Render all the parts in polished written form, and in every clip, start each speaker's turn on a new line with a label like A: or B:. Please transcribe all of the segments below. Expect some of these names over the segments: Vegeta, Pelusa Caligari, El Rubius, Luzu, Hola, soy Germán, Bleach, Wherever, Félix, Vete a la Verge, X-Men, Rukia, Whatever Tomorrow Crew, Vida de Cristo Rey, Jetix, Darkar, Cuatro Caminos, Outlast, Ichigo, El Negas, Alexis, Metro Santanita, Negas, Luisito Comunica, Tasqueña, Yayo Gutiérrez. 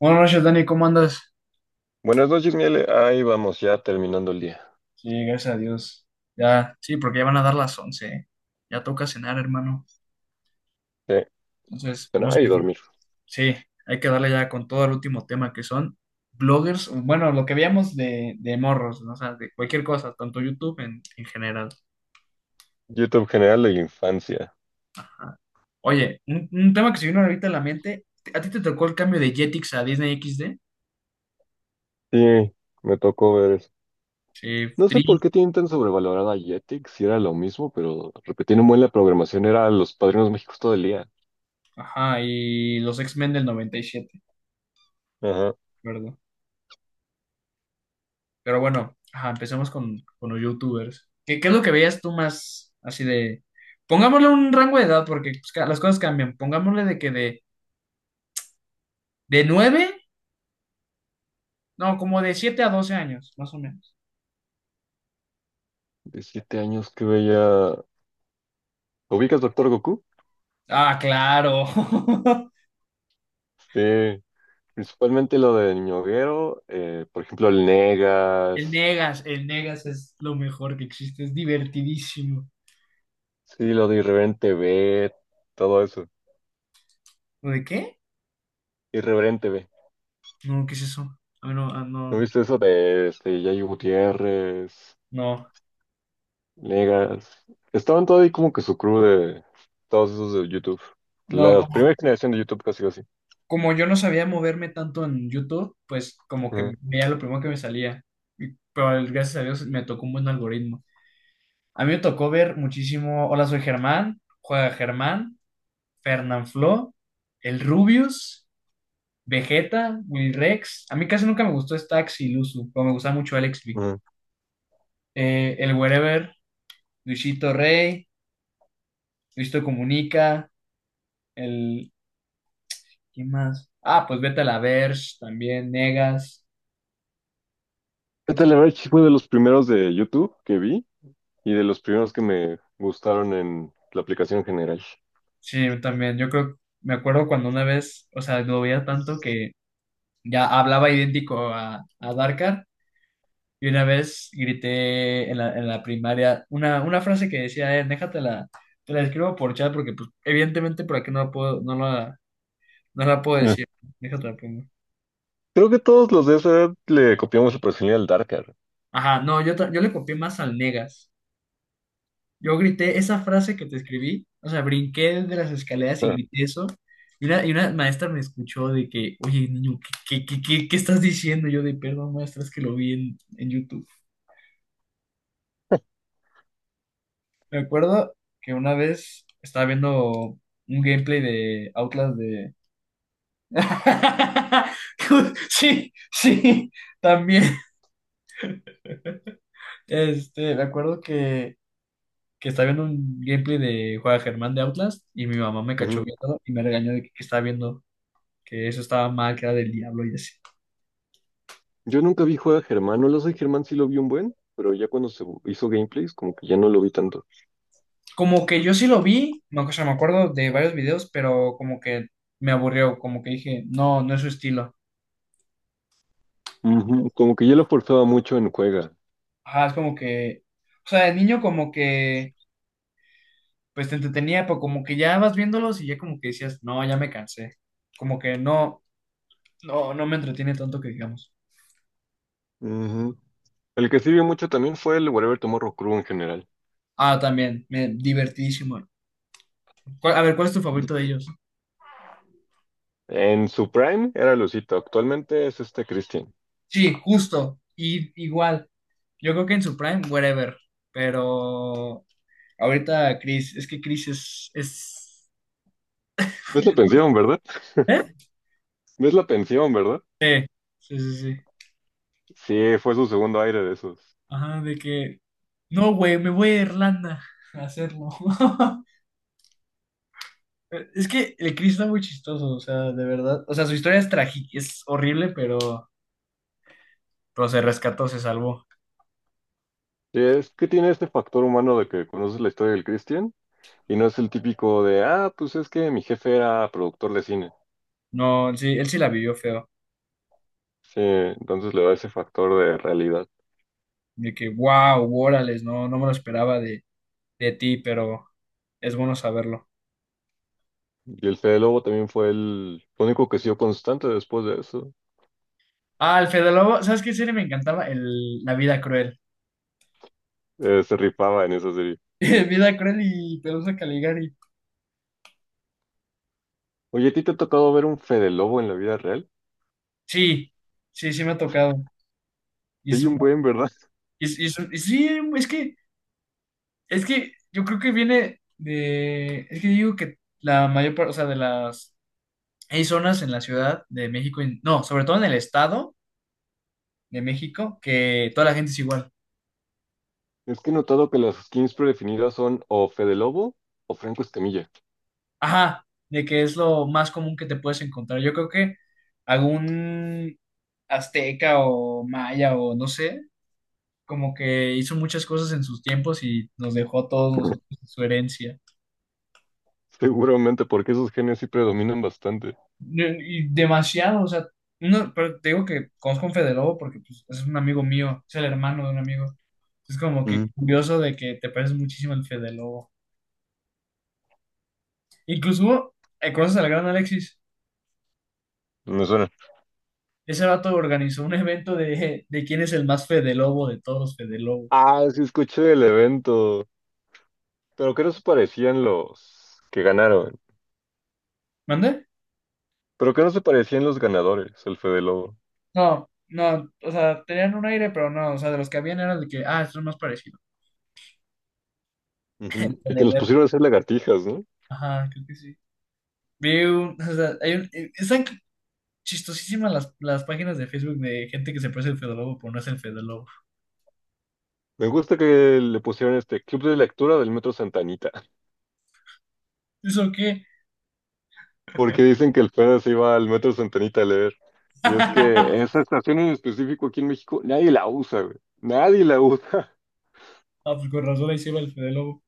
A: Buenas noches, Dani, ¿cómo andas?
B: Buenas noches, Miele. Ahí vamos, ya terminando el día.
A: Sí, gracias a Dios. Ya, sí, porque ya van a dar las 11, ¿eh? Ya toca cenar, hermano.
B: Sí,
A: Entonces, vamos
B: cenar
A: a...
B: y dormir.
A: Sí, hay que darle ya con todo al último tema, que son bloggers, bueno, lo que veíamos de, morros, ¿no? O sea, de cualquier cosa, tanto YouTube en general.
B: YouTube general de la infancia.
A: Ajá. Oye, un tema que se vino ahorita a la mente, ¿a ti te tocó el cambio de Jetix a Disney XD?
B: Sí, me tocó ver eso.
A: Sí,
B: No sé
A: Tri,
B: por qué tienen tan sobrevalorada a Jetix, si era lo mismo, pero repetir un buen la programación era Los Padrinos México todo el día.
A: ajá, y los X-Men del 97,
B: Ajá.
A: ¿verdad? Pero bueno, ajá, empecemos con, los youtubers. ¿Qué es lo que veías tú más así de... Pongámosle un rango de edad porque pues, las cosas cambian. Pongámosle de que de, 9 no, como de 7 a 12 años, más o menos.
B: De siete años que veía. ¿Ubicas Doctor Goku?
A: Ah, claro.
B: Sí, principalmente lo de Ñoguero, por ejemplo, el Negas,
A: El Negas es lo mejor que existe, es divertidísimo.
B: sí, lo de Irreverente B, todo eso.
A: ¿Lo de qué?
B: Irreverente B.
A: No, ¿qué es eso? Ah, no, ah,
B: ¿No
A: no,
B: viste eso de este, Yayo Gutiérrez,
A: no,
B: Negas? Estaban todo ahí como que su crew de todos esos de YouTube. La
A: no.
B: primera generación de YouTube casi casi.
A: Como yo no sabía moverme tanto en YouTube, pues como que
B: Ajá,
A: veía lo primero que me salía. Gracias a Dios me tocó un buen algoritmo. A mí me tocó ver muchísimo Hola, soy Germán, Juega Germán, Fernanfloo, El Rubius, Vegeta, Will Rex. A mí casi nunca me gustó Stax y Luzu, pero me gustaba mucho Alex B.
B: ajá.
A: El Wherever, Luisito Rey, Luisito Comunica, el... ¿Quién más? Ah, pues Vete a la Verge, también Negas. ¿Qué
B: Este,
A: otros?
B: la verdad, sí fue de los primeros de YouTube que vi y de los primeros que me gustaron en la aplicación en general.
A: Sí, yo también. Yo creo, me acuerdo cuando una vez, o sea, lo veía tanto que ya hablaba idéntico a, Darkar y una vez grité en la, primaria una frase que decía, déjate la, te la escribo por chat porque pues evidentemente por aquí no la puedo, no la puedo
B: Ajá.
A: decir. Déjate la pongo.
B: Creo que todos los de esa edad le copiamos el personaje al Darker.
A: Ajá, no, yo le copié más al Negas. Yo grité esa frase que te escribí, o sea, brinqué de las escaleras y
B: Ajá.
A: grité eso. Y una maestra me escuchó de que, oye, niño, ¿qué estás diciendo? Yo de, perdón, maestra, es que lo vi en, YouTube. Me acuerdo que una vez estaba viendo un gameplay de Outlast de... Sí, sí, también. Me acuerdo que estaba viendo un gameplay de Juan Germán de Outlast y mi mamá me cachó
B: Ujú.
A: viéndolo y me regañó de que estaba viendo, que eso estaba mal, que era del diablo y así.
B: Yo nunca vi juega Germán, no lo sé, Germán sí lo vi un buen, pero ya cuando se hizo gameplays como que ya no lo vi tanto.
A: Como que yo sí lo vi, o sea, me acuerdo de varios videos, pero como que me aburrió, como que dije, no, no es su estilo.
B: Ujú, como que yo lo forzaba mucho en Cuega.
A: Ajá, es como que, o sea, el niño como que, pues te entretenía, pero como que ya vas viéndolos y ya como que decías, no, ya me cansé. Como que no, no, no me entretiene tanto que digamos.
B: Ujú. El que sirvió mucho también fue el Whatever Tomorrow Crew en general.
A: Ah, también, me, divertidísimo. A ver, ¿cuál es tu
B: Y-
A: favorito de ellos?
B: En su prime era Lucito, actualmente es este Christian.
A: Sí, justo, y igual, yo creo que en su prime, whatever, pero... Ahorita Chris, es que Chris es...
B: ¿Ves la pensión, verdad?
A: ¿Eh?
B: ¿Ves la pensión, verdad?
A: Sí, sí, sí, sí.
B: Sí, fue su segundo aire de esos.
A: Ajá, de que... No, güey, me voy a Irlanda a hacerlo. Es que el Chris está muy chistoso, o sea, de verdad. O sea, su historia es trágica, es horrible, pero se rescató, se salvó.
B: Sí, es que tiene este factor humano de que conoces la historia del Christian y no es el típico de, ah, pues es que mi jefe era productor de cine.
A: No, sí, él sí la vivió feo.
B: Sí, entonces le da ese factor de realidad.
A: De que, wow, órales, no, no me lo esperaba de, ti, pero es bueno saberlo.
B: Y el Fede Lobo también fue el único que siguió constante después de eso.
A: Ah, el Fede Lobo, ¿sabes qué serie me encantaba? La vida cruel.
B: Se rifaba en esa serie.
A: Vida cruel y Pelusa Caligari.
B: Oye, ¿a ti te ha tocado ver un Fede Lobo en la vida real?
A: Sí, sí, sí me ha tocado. Y
B: Sí,
A: es
B: hay
A: un-
B: un buen, ¿verdad?
A: y es un- y sí, es que, es que yo creo que viene de, es que digo que la mayor parte, o sea, de las, hay zonas en la Ciudad de México, no, sobre todo en el Estado de México, que toda la gente es igual.
B: Es que he notado que las skins predefinidas son o Fede Lobo o Franco Escamilla.
A: Ajá, de que es lo más común que te puedes encontrar. Yo creo que algún azteca o maya o no sé, como que hizo muchas cosas en sus tiempos y nos dejó a todos nosotros su herencia.
B: Seguramente, porque esos genios sí predominan bastante.
A: Y demasiado, o sea, no, pero te digo que conozco a un Fede Lobo porque pues, es un amigo mío, es el hermano de un amigo. Es como que
B: Mm.
A: curioso de que te pareces muchísimo al Fede Lobo. Incluso, hubo, ¿conoces al gran Alexis?
B: Me suena.
A: Ese vato organizó un evento de, quién es el más Fede Lobo de todos los Fede Lobo.
B: Ah, sí, escuché del evento. Pero que no se parecían los que ganaron.
A: ¿Mande?
B: Pero que no se parecían los ganadores, el Fede Lobo.
A: No, no, o sea, tenían un aire, pero no, o sea, de los que habían era de que, ah, esto es más parecido.
B: Ujú. Y que
A: De
B: los
A: ver.
B: pusieron a hacer lagartijas, ¿no?
A: Ajá, creo que sí. Vi un, o sea, hay un, están chistosísimas las, páginas de Facebook de gente que se parece al Fede Lobo, pero no es el Fede Lobo.
B: Me gusta que le pusieron este club de lectura del Metro Santanita,
A: ¿Eso qué?
B: porque dicen que el Fede se iba al Metro Centenita a leer. Y es que esa estación en específico aquí en México, nadie la usa, güey. Nadie la usa.
A: Ah, pues con razón ahí se va el Fede Lobo.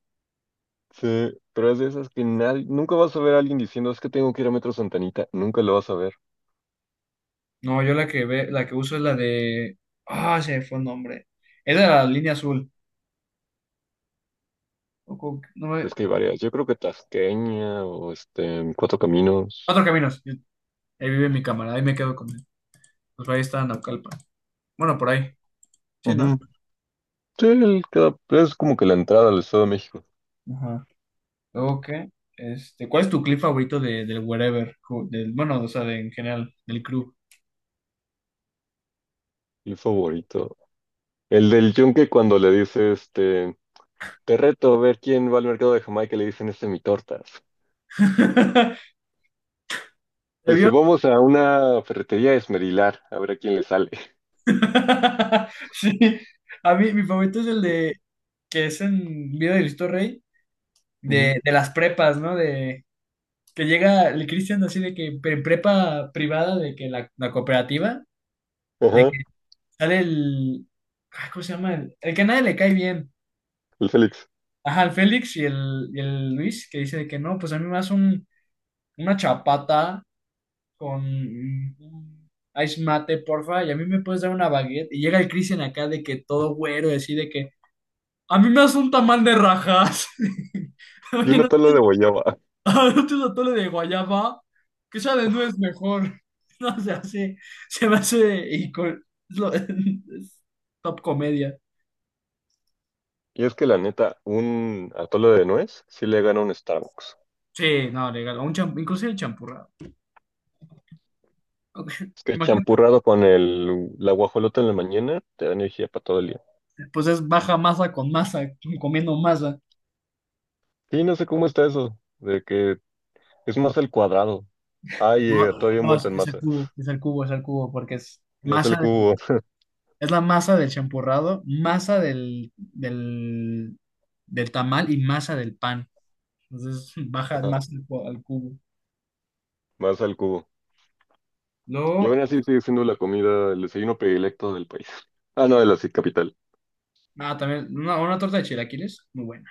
B: Sí, pero es de esas que nadie, nunca vas a ver a alguien diciendo, es que tengo que ir a Metro Santanita, nunca lo vas a ver.
A: No, yo la que ve, la que uso es la de. Ah, se me fue el nombre. Es de la línea azul. O con- no me-
B: Es que hay varias, yo creo que Tasqueña o este, Cuatro Caminos.
A: Cuatro Caminos. Ahí vive mi cámara, ahí me quedo con él. Pues ahí está Naucalpan. Bueno, por ahí. Sí, ¿no?
B: Ujú. Sí, el es como que la entrada al Estado de México,
A: Ajá. Luego, ¿qué? ¿Cuál es tu clip favorito del Wherever? Del, bueno, o sea, de, en general, del crew.
B: mi favorito. El del yunque cuando le dice, este, te reto a ver quién va al mercado de Jamaica, le dicen, este, mi tortas.
A: ¿Te
B: Dice,
A: vio?
B: vamos a una ferretería a esmerilar, a ver a quién le sale.
A: Sí, a mí mi favorito es el de que es en Vida de Cristo Rey,
B: Ujú.
A: de las prepas, ¿no? De que llega el Cristian así de que prepa privada, de que la cooperativa, de
B: Ajá,
A: que sale el, ¿cómo se llama? El que a nadie le cae bien.
B: el Félix.
A: Ajá, el Félix y el Luis, que dice de que no, pues a mí me hace un, una chapata con un ice mate, porfa, y a mí me puedes dar una baguette. Y llega el Cristian acá de que todo güero, así de que a mí me hace un tamal de rajas.
B: Y
A: Oye,
B: una
A: no,
B: tala de guayaba.
A: a no te atole de guayaba, que sea de nuez mejor. No se hace, se me hace ico- es top comedia.
B: Y es que la neta, un atole de nuez sí le gana un Starbucks.
A: Sí, no, legal. Un inclusive el champurrado. Ok,
B: Es que
A: imagínate,
B: champurrado con el, la guajolota en la mañana te da energía para todo el día.
A: pues es baja masa con masa, comiendo masa.
B: Sí, no sé cómo está eso, de que es más al cuadrado. Ay,
A: No,
B: todavía
A: no,
B: envuelto
A: es,
B: en
A: es el
B: masa.
A: cubo, es el cubo, es el cubo, porque es
B: Más
A: masa,
B: al cubo,
A: es la masa del champurrado, masa del tamal y masa del pan. Entonces baja más al, al cubo.
B: más al cubo. Y aún
A: Luego,
B: así sigue siendo la comida, el desayuno predilecto del país. Ah, no, de la sí, capital.
A: también una torta de chilaquiles, muy buena.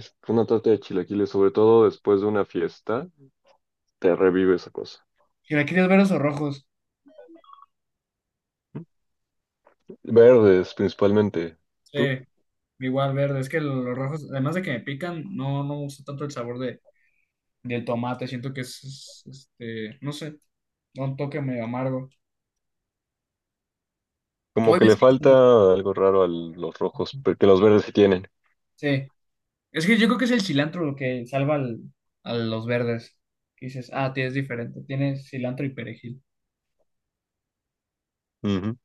B: Es que una torta de chilaquiles, sobre todo después de una fiesta, te revive esa cosa.
A: ¿Chilaquiles verdes o rojos?
B: Verdes, principalmente.
A: Sí,
B: ¿Tú?
A: igual verde. Es que los rojos, además de que me pican, no, no me gusta tanto el sabor de, del tomate. Siento que es, no sé, da un toque medio amargo.
B: Como
A: Oye,
B: que
A: es
B: le falta
A: que,
B: algo raro a los rojos, porque los verdes sí tienen.
A: sí, es que yo creo que es el cilantro lo que salva al, a los verdes. Que dices, ah, tienes diferente, tienes cilantro y perejil.
B: Ujú.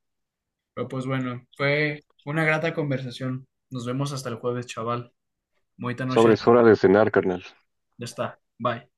A: Pero pues bueno, fue una grata conversación. Nos vemos hasta el jueves, chaval. Bonita noche.
B: Es hora de cenar, carnal.
A: Ya está. Bye.